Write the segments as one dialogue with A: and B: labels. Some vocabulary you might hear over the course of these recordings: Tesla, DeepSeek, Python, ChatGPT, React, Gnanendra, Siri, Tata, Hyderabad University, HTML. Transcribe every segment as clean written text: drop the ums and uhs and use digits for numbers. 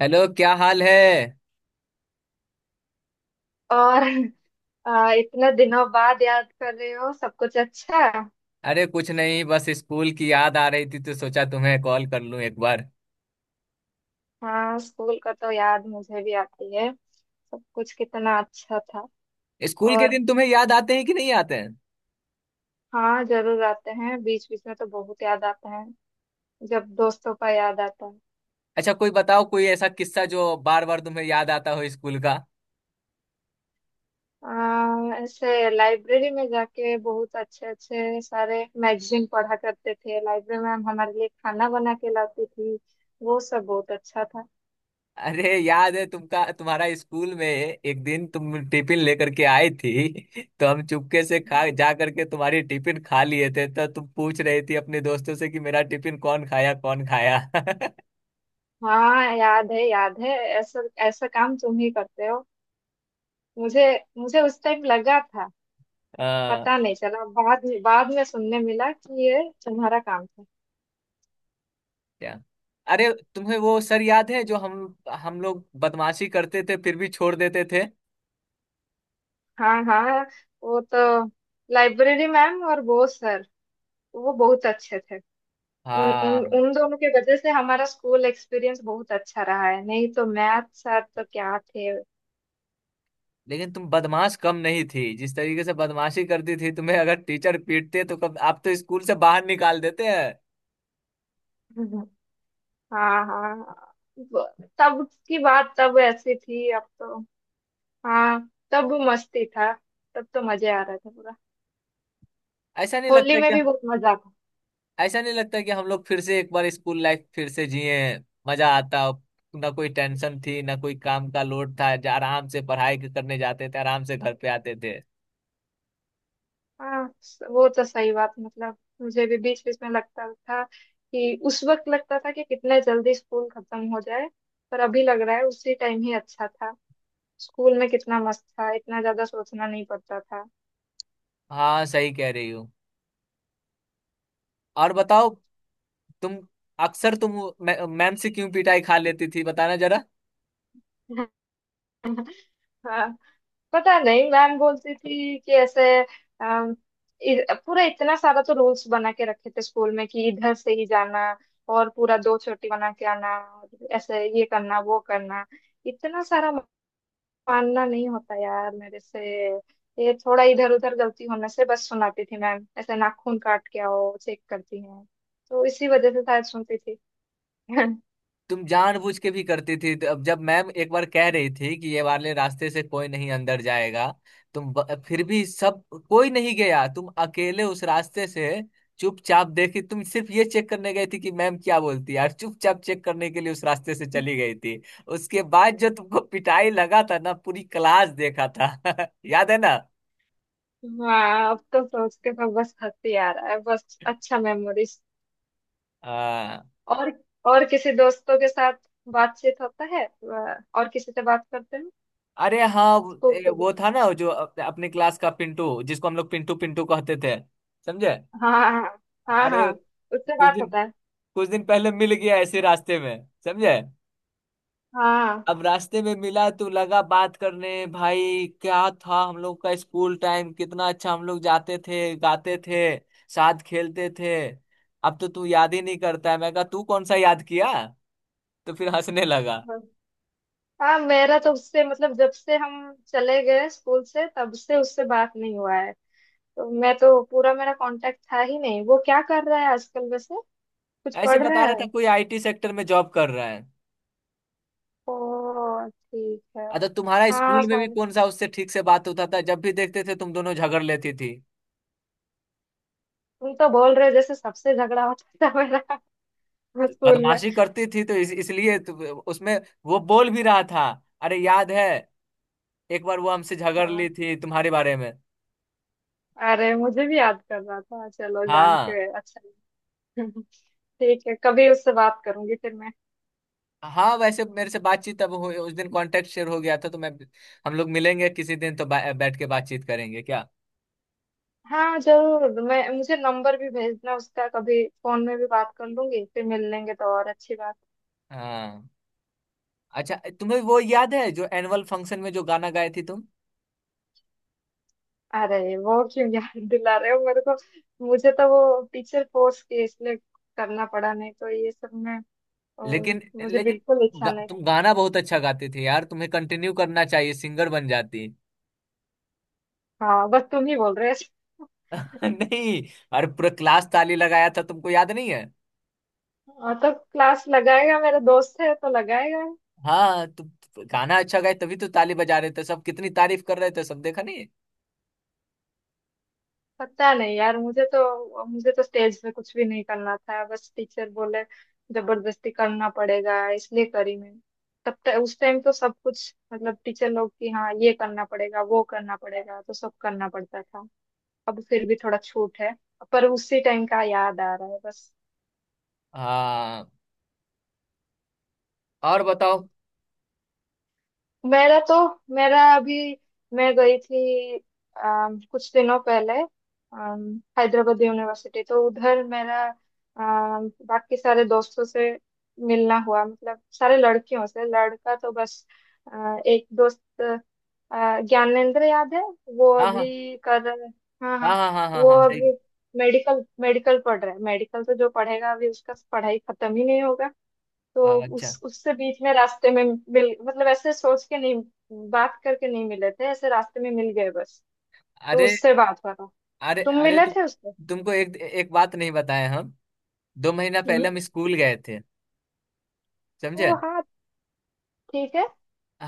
A: Hello, क्या हाल है?
B: और। इतने दिनों बाद याद कर रहे हो, सब कुछ अच्छा?
A: अरे, कुछ नहीं, बस स्कूल की याद आ रही थी तो सोचा तुम्हें कॉल कर लूं एक बार।
B: हाँ, स्कूल का तो याद मुझे भी आती है। सब कुछ कितना अच्छा था।
A: स्कूल के
B: और।
A: दिन तुम्हें याद आते हैं कि नहीं आते हैं?
B: हाँ, जरूर आते हैं, बीच बीच में तो बहुत याद आता है, जब दोस्तों का याद आता है।
A: अच्छा, कोई बताओ कोई ऐसा किस्सा जो बार बार तुम्हें याद आता हो स्कूल का।
B: ऐसे लाइब्रेरी में जाके बहुत अच्छे अच्छे सारे मैगजीन पढ़ा करते थे, लाइब्रेरी में हम हमारे लिए खाना बना के लाती थी। वो सब बहुत अच्छा था।
A: अरे याद है, तुमका तुम्हारा स्कूल में एक दिन तुम टिफिन लेकर के आई थी। तो हम चुपके से खा जा करके तुम्हारी टिफिन खा लिए थे, तो तुम पूछ रही थी अपने दोस्तों से कि मेरा टिफिन कौन खाया कौन खाया।
B: हाँ, याद है, याद है। ऐसा ऐसा काम तुम ही करते हो। मुझे मुझे उस टाइम लगा था,
A: हाँ,
B: पता नहीं चला, बाद में सुनने मिला कि ये तुम्हारा काम था।
A: क्या? अरे, तुम्हें वो सर याद है जो हम लोग बदमाशी करते थे फिर भी छोड़ देते थे?
B: हाँ, हाँ। वो तो लाइब्रेरी मैम और बोस सर, वो बहुत अच्छे थे। उन उन
A: हाँ,
B: उन दोनों के वजह से हमारा स्कूल एक्सपीरियंस बहुत अच्छा रहा है। नहीं तो मैथ सर तो क्या थे।
A: लेकिन तुम बदमाश कम नहीं थी, जिस तरीके से बदमाशी करती थी तुम्हें अगर टीचर पीटते तो कब आप तो स्कूल से बाहर निकाल देते हैं।
B: हम्म। हाँ, हाँ। तब की बात तब ऐसी थी, अब तो। हाँ, तब मस्ती था। तब तो मजे आ रहा था पूरा।
A: ऐसा नहीं
B: होली
A: लगता
B: में
A: कि
B: भी बहुत मजा था।
A: ऐसा नहीं लगता कि हम लोग फिर से एक बार स्कूल लाइफ फिर से जिए? मजा आता। ना कोई टेंशन थी, ना कोई काम का लोड था, आराम से पढ़ाई करने जाते थे, आराम से घर पे आते थे।
B: हाँ, वो तो सही बात। मतलब मुझे भी बीच बीच में लगता था कि उस वक्त लगता था कि कितने जल्दी स्कूल खत्म हो जाए। पर अभी लग रहा है उसी टाइम ही अच्छा था। स्कूल में कितना मस्त था, इतना ज्यादा सोचना नहीं पड़ता था।
A: हाँ, सही कह रही हो। और बताओ, तुम अक्सर तुम वो मैम से क्यों पिटाई खा लेती थी, बताना जरा।
B: हाँ, पता नहीं, मैम बोलती थी कि ऐसे अम, पूरा इतना सारा तो रूल्स बना के रखे थे स्कूल में कि इधर से ही जाना, और पूरा दो चोटी बना के आना, और ऐसे ये करना, वो करना। इतना सारा मानना नहीं होता यार मेरे से। ये थोड़ा इधर उधर गलती होने से बस सुनाती थी मैम, ऐसे नाखून काट के आओ, चेक करती हैं। तो इसी वजह से शायद सुनती थी।
A: तुम जानबूझ के भी करती थी, तो अब जब मैम एक बार कह रही थी कि ये वाले रास्ते से कोई नहीं अंदर जाएगा, फिर भी सब, कोई नहीं गया, तुम अकेले उस रास्ते से चुपचाप देखी। तुम सिर्फ ये चेक करने गई थी कि मैम क्या बोलती है, और चुपचाप चेक करने के लिए उस रास्ते से चली गई थी। उसके बाद जो तुमको पिटाई लगा था ना, पूरी क्लास देखा था। याद है ना?
B: हाँ, अब तो सोच के तो बस हंसी आ रहा है, बस अच्छा मेमोरीज।
A: हाँ।
B: और और किसी दोस्तों के साथ बातचीत होता है, और किसी से बात करते हैं?
A: अरे हाँ, वो
B: स्कूल के
A: वो
B: दोस्त-
A: था ना जो अपने क्लास का पिंटू, जिसको हम लोग पिंटू पिंटू कहते थे, समझे?
B: हाँ, हाँ, हाँ,
A: अरे
B: हाँ। उससे
A: कुछ
B: बात
A: दिन
B: होता है?
A: कुछ दिन पहले मिल गया ऐसे रास्ते में, समझे?
B: हाँ,
A: अब रास्ते में मिला तो लगा बात करने। भाई, क्या था हम लोग का स्कूल टाइम, कितना अच्छा! हम लोग जाते थे, गाते थे, साथ खेलते थे। अब तो तू याद ही नहीं करता है, मैं कहा तू कौन सा याद किया। तो फिर हंसने लगा।
B: हाँ। मेरा तो उससे, मतलब जब से हम चले गए स्कूल से, तब से उससे बात नहीं हुआ है। तो मैं तो, पूरा मेरा कांटेक्ट था ही नहीं। वो क्या कर रहा है आजकल वैसे? कुछ
A: ऐसे
B: पढ़ रहा
A: बता रहा था
B: है?
A: कोई आईटी सेक्टर में जॉब कर रहा है।
B: ओ, ठीक है।
A: अच्छा, तुम्हारा
B: हाँ,
A: स्कूल में भी
B: सॉरी।
A: कौन सा उससे ठीक से बात होता था, जब भी देखते थे तुम दोनों झगड़ लेती थी।
B: तुम तो बोल रहे हो जैसे सबसे झगड़ा होता था मेरा।
A: तो
B: स्कूल में।
A: बदमाशी करती थी तो इसलिए तो। उसमें वो बोल भी रहा था। अरे याद है, एक बार वो हमसे झगड़ ली
B: हाँ,
A: थी तुम्हारे बारे में।
B: अरे मुझे भी याद कर रहा था, चलो, जान
A: हाँ।
B: के अच्छा लगा। ठीक है, कभी उससे बात करूंगी फिर मैं।
A: हाँ, वैसे मेरे से बातचीत अब हुई, उस दिन कांटेक्ट शेयर हो गया था, तो मैं, हम लोग मिलेंगे किसी दिन तो बैठ के बातचीत करेंगे क्या?
B: हाँ, जरूर। मैं मुझे नंबर भी भेजना उसका, कभी फोन में भी बात कर लूंगी, फिर मिल लेंगे तो और अच्छी बात।
A: हाँ। अच्छा, तुम्हें वो याद है जो एनुअल फंक्शन में जो गाना गाए थी तुम?
B: अरे, वो क्यों याद दिला रहे हो मेरे को? मुझे तो वो टीचर कोर्स के इसलिए करना पड़ा, नहीं तो ये सब में अ,
A: लेकिन
B: मुझे
A: लेकिन
B: बिल्कुल इच्छा नहीं थी।
A: तुम गाना बहुत अच्छा गाते थे यार, तुम्हें कंटिन्यू करना चाहिए, सिंगर बन जाती।
B: हाँ, बस तुम ही बोल रहे हो।
A: नहीं, अरे पूरा क्लास ताली लगाया था, तुमको याद नहीं है?
B: हाँ, तो क्लास लगाएगा, मेरा दोस्त है तो लगाएगा।
A: हाँ, तुम गाना अच्छा गाए तभी तो ताली बजा रहे थे सब, कितनी तारीफ कर रहे थे सब, देखा नहीं?
B: पता नहीं यार, मुझे तो स्टेज पे कुछ भी नहीं करना था, बस टीचर बोले जबरदस्ती करना पड़ेगा इसलिए करी मैं। तब तक उस टाइम तो सब कुछ, मतलब टीचर लोग की हाँ, ये करना पड़ेगा, वो करना पड़ेगा, तो सब करना पड़ता था। अब फिर भी थोड़ा छूट है, पर उसी टाइम का याद आ रहा है बस।
A: हाँ। और बताओ।
B: मेरा तो मेरा अभी, मैं गई थी कुछ दिनों पहले हैदराबाद यूनिवर्सिटी, तो उधर मेरा बाकी सारे दोस्तों से मिलना हुआ, मतलब सारे लड़कियों से। लड़का तो बस एक दोस्त, ज्ञानेंद्र, याद है? वो
A: हाँ, हाँ,
B: अभी कर रहा है। हाँ,
A: हाँ,
B: हाँ।
A: हाँ, हाँ, हाँ,
B: वो
A: हाँ, सही।
B: अभी मेडिकल मेडिकल पढ़ रहा है। मेडिकल तो जो पढ़ेगा, अभी उसका पढ़ाई खत्म ही नहीं होगा।
A: हाँ,
B: तो
A: अच्छा।
B: उस उससे बीच में रास्ते में मिल मतलब ऐसे सोच के नहीं, बात करके नहीं मिले थे, ऐसे रास्ते में मिल गए बस। तो
A: अरे,
B: उससे बात हुआ था।
A: अरे,
B: तुम
A: अरे,
B: मिले
A: तुम
B: थे उससे?
A: तुमको एक एक बात नहीं बताए हम, 2 महीना पहले
B: हम्म।
A: हम स्कूल गए थे, समझे?
B: ओ हाँ, ठीक है।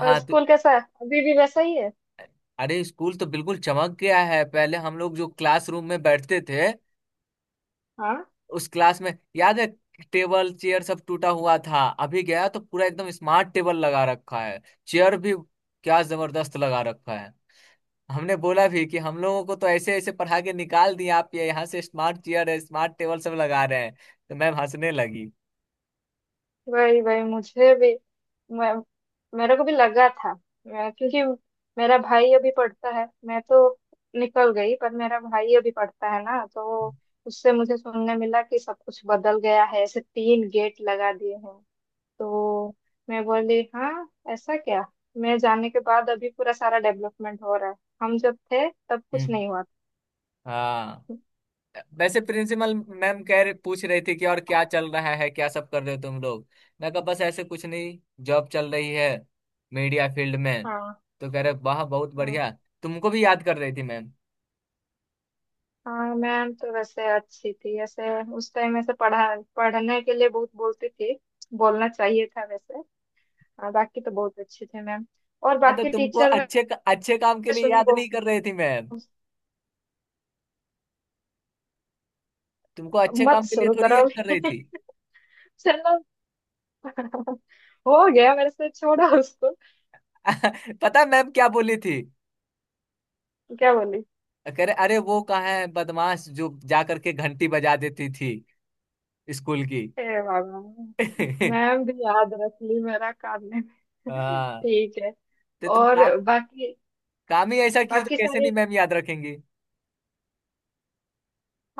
B: और
A: तो
B: स्कूल कैसा है, अभी भी वैसा ही है?
A: अरे, स्कूल तो बिल्कुल चमक गया है। पहले हम लोग जो क्लासरूम में बैठते थे,
B: हाँ,
A: उस क्लास में याद है, टेबल चेयर सब टूटा हुआ था। अभी गया तो पूरा एकदम स्मार्ट टेबल लगा रखा है, चेयर भी। क्या जबरदस्त लगा रखा है! हमने बोला भी कि हम लोगों को तो ऐसे ऐसे पढ़ा के निकाल दिया, आप ये यहाँ से स्मार्ट चेयर है, स्मार्ट टेबल सब लगा रहे हैं। तो मैम हंसने लगी।
B: वही वही मुझे भी, मैं मेरे को भी लगा था। क्योंकि मेरा भाई अभी पढ़ता है, मैं तो निकल गई पर मेरा भाई अभी पढ़ता है ना, तो उससे मुझे सुनने मिला कि सब कुछ बदल गया है, ऐसे तीन गेट लगा दिए हैं। तो मैं बोली हाँ, ऐसा क्या! मैं जाने के बाद अभी पूरा सारा डेवलपमेंट हो रहा है, हम जब थे तब कुछ
A: हम्म,
B: नहीं हुआ
A: हाँ,
B: था।
A: वैसे प्रिंसिपल मैम कह रहे, पूछ रही थी कि और क्या चल रहा है, क्या सब कर रहे हो तुम लोग। मैं कहा बस ऐसे कुछ नहीं, जॉब चल रही है मीडिया फील्ड में।
B: हाँ,
A: तो कह रहे वाह, बहुत
B: हाँ,
A: बढ़िया। तुमको भी याद कर रही थी मैम।
B: हाँ। मैम तो वैसे अच्छी थी। ऐसे उस टाइम ऐसे पढ़ा पढ़ने के लिए बहुत बोलती थी, बोलना चाहिए था वैसे। हाँ, बाकी तो बहुत अच्छे थे मैम, और
A: हाँ तो
B: बाकी
A: तुमको
B: टीचर। मैं
A: अच्छे अच्छे काम के लिए
B: सुनी
A: याद
B: बहुत।
A: नहीं कर रही थी मैम, तुमको अच्छे
B: मत
A: काम के लिए
B: शुरू
A: थोड़ी
B: करो
A: याद कर रही
B: अभी।
A: थी।
B: चलो। हो गया, मेरे से छोड़ा उसको।
A: पता है मैम क्या बोली थी?
B: क्या बोली?
A: कह रहे अरे वो कहाँ है बदमाश जो जा करके घंटी बजा देती थी स्कूल की।
B: हे बाबा, मैम भी याद रख ली मेरा काम!
A: हाँ
B: ठीक है।
A: तो
B: और बाकी
A: काम ही ऐसा किया तो
B: बाकी
A: कैसे
B: सारे,
A: नहीं मैम याद रखेंगी।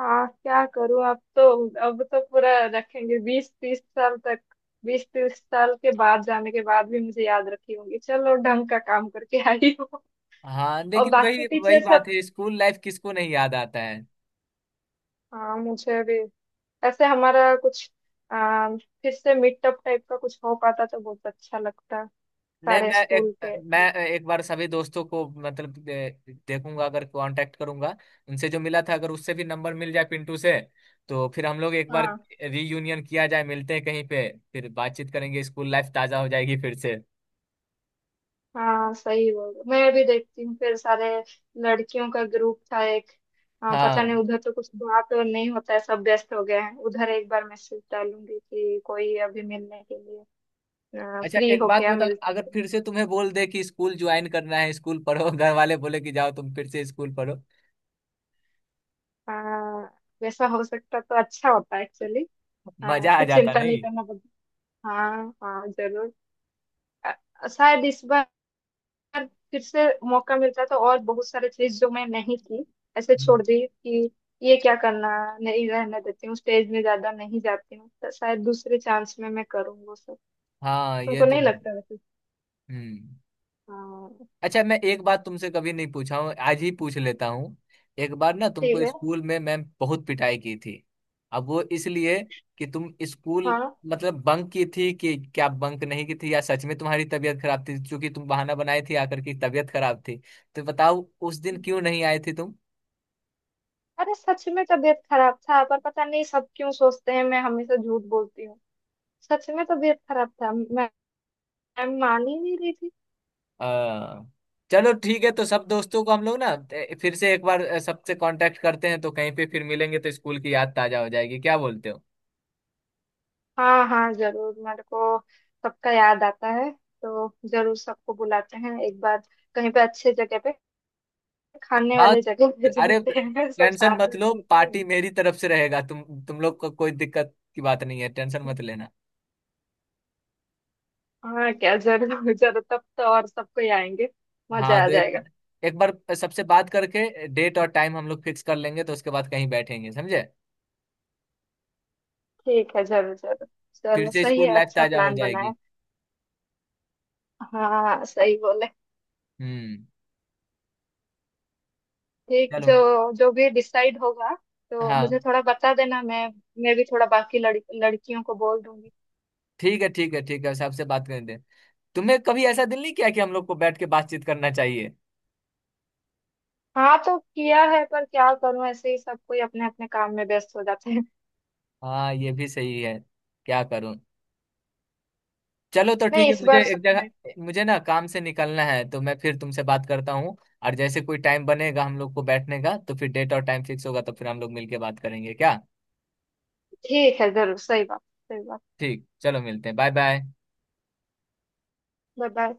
B: हाँ क्या करूँ अब तो। अब तो पूरा रखेंगे 20-30 साल तक। 20-30 साल के बाद जाने के बाद भी मुझे याद रखी होंगी, चलो ढंग का काम करके आई हो।
A: हाँ,
B: और
A: लेकिन
B: बाकी
A: वही वही
B: टीचर
A: बात
B: सब,
A: है, स्कूल लाइफ किसको नहीं याद आता है।
B: हाँ मुझे भी ऐसे हमारा कुछ फिर से मीटअप टाइप का कुछ हो पाता तो बहुत अच्छा लगता।
A: नहीं,
B: सारे स्कूल के।
A: मैं एक बार सभी दोस्तों को मतलब देखूंगा, अगर कांटेक्ट करूंगा उनसे जो मिला था, अगर उससे भी नंबर मिल जाए पिंटू से, तो फिर हम लोग एक बार
B: हाँ,
A: रीयूनियन किया जाए, मिलते हैं कहीं पे, फिर बातचीत करेंगे, स्कूल लाइफ ताजा हो जाएगी फिर से।
B: हाँ, सही बोल रहे हो। मैं भी देखती हूँ। फिर सारे लड़कियों का ग्रुप था एक। हाँ, पता नहीं,
A: हाँ।
B: उधर तो कुछ बात और नहीं होता है, सब व्यस्त हो गए हैं। उधर एक बार मैसेज डालूंगी कि कोई अभी मिलने के लिए
A: अच्छा,
B: फ्री
A: एक
B: हो
A: बात
B: क्या,
A: बताओ,
B: मिल
A: अगर
B: सकते हैं।
A: फिर से तुम्हें बोल दे कि स्कूल ज्वाइन करना है, स्कूल पढ़ो, घर वाले बोले कि जाओ तुम फिर से स्कूल पढ़ो,
B: हाँ, वैसा हो सकता तो अच्छा होता एक्चुअली। हाँ,
A: मजा आ
B: कुछ
A: जाता
B: चिंता नहीं
A: नहीं?
B: करना पड़ता। हाँ, हाँ, जरूर। शायद इस बार बार फिर से मौका मिलता तो और बहुत सारे चीज जो मैं नहीं की, ऐसे छोड़ दी कि ये क्या करना, नहीं रहने देती हूँ, स्टेज में ज्यादा नहीं जाती हूँ, तो शायद दूसरे चांस में मैं करूँ वो सब।
A: हाँ, ये
B: तुमको
A: तो
B: नहीं
A: है।
B: लगता वैसे?
A: हम्म।
B: हाँ।
A: अच्छा, मैं एक बात तुमसे कभी नहीं पूछा हूँ, आज ही पूछ लेता हूँ। एक बार ना
B: ठीक
A: तुमको
B: है।
A: स्कूल में मैम बहुत पिटाई की थी, अब वो इसलिए कि तुम स्कूल
B: हाँ।
A: मतलब बंक की थी कि क्या, बंक नहीं की थी, या सच में तुम्हारी तबीयत खराब थी? क्योंकि तुम बहाना बनाए थे आकर की तबीयत खराब थी। तो बताओ उस दिन क्यों नहीं आए थे तुम?
B: अरे सच में तबीयत खराब था, पर पता नहीं सब क्यों सोचते हैं मैं हमेशा झूठ बोलती हूँ। सच में तबीयत खराब था। मैं मान ही नहीं रही थी।
A: आ, चलो ठीक है, तो सब दोस्तों को हम लोग ना, फिर से एक बार सबसे कांटेक्ट करते हैं, तो कहीं पे फिर मिलेंगे तो स्कूल की याद ताजा हो जाएगी, क्या बोलते हो?
B: हाँ, हाँ, जरूर। मेरे को सबका याद आता है, तो जरूर सबको बुलाते हैं एक बार कहीं पे, अच्छे जगह पे, खाने
A: हाँ।
B: वाले जगह पे
A: अरे,
B: चलते हैं, सब
A: टेंशन
B: साथ
A: मत
B: में
A: लो,
B: खाते हैं।
A: पार्टी मेरी तरफ से रहेगा, तुम लोग को कोई दिक्कत की बात नहीं है, टेंशन मत लेना।
B: हाँ क्या, जरूर जरूर, तब तो और सबको ही आएंगे,
A: हाँ
B: मजा आ
A: तो एक
B: जाएगा।
A: एक बार सबसे बात करके डेट और टाइम हम लोग फिक्स कर लेंगे, तो उसके बाद कहीं बैठेंगे, समझे?
B: ठीक है, जरूर जरूर,
A: फिर
B: चलो
A: से
B: सही
A: स्कूल
B: है,
A: लाइफ
B: अच्छा
A: ताजा हो
B: प्लान बनाए।
A: जाएगी।
B: हाँ, सही बोले।
A: हम्म।
B: ठीक,
A: चलो।
B: जो जो भी डिसाइड होगा तो
A: हाँ,
B: मुझे थोड़ा बता देना। मैं भी थोड़ा बाकी लड़कियों को बोल दूंगी।
A: ठीक है, ठीक है, ठीक है, सबसे बात कर दे। तुम्हें कभी ऐसा दिल नहीं किया कि हम लोग को बैठ के बातचीत करना चाहिए?
B: हाँ, तो किया है पर क्या करूं, ऐसे ही सब कोई अपने अपने काम में व्यस्त हो जाते हैं।
A: हाँ, ये भी सही है, क्या करूं। चलो तो ठीक
B: नहीं
A: है,
B: इस
A: मुझे
B: बार
A: एक
B: सच
A: जगह,
B: में।
A: मुझे ना काम से निकलना है, तो मैं फिर तुमसे बात करता हूँ। और जैसे कोई टाइम बनेगा हम लोग को बैठने का, तो फिर डेट और टाइम फिक्स होगा तो फिर हम लोग मिलके बात करेंगे क्या?
B: ठीक है, जरूर। सही बात, सही बात।
A: ठीक, चलो, मिलते हैं। Bye bye.
B: Bye bye.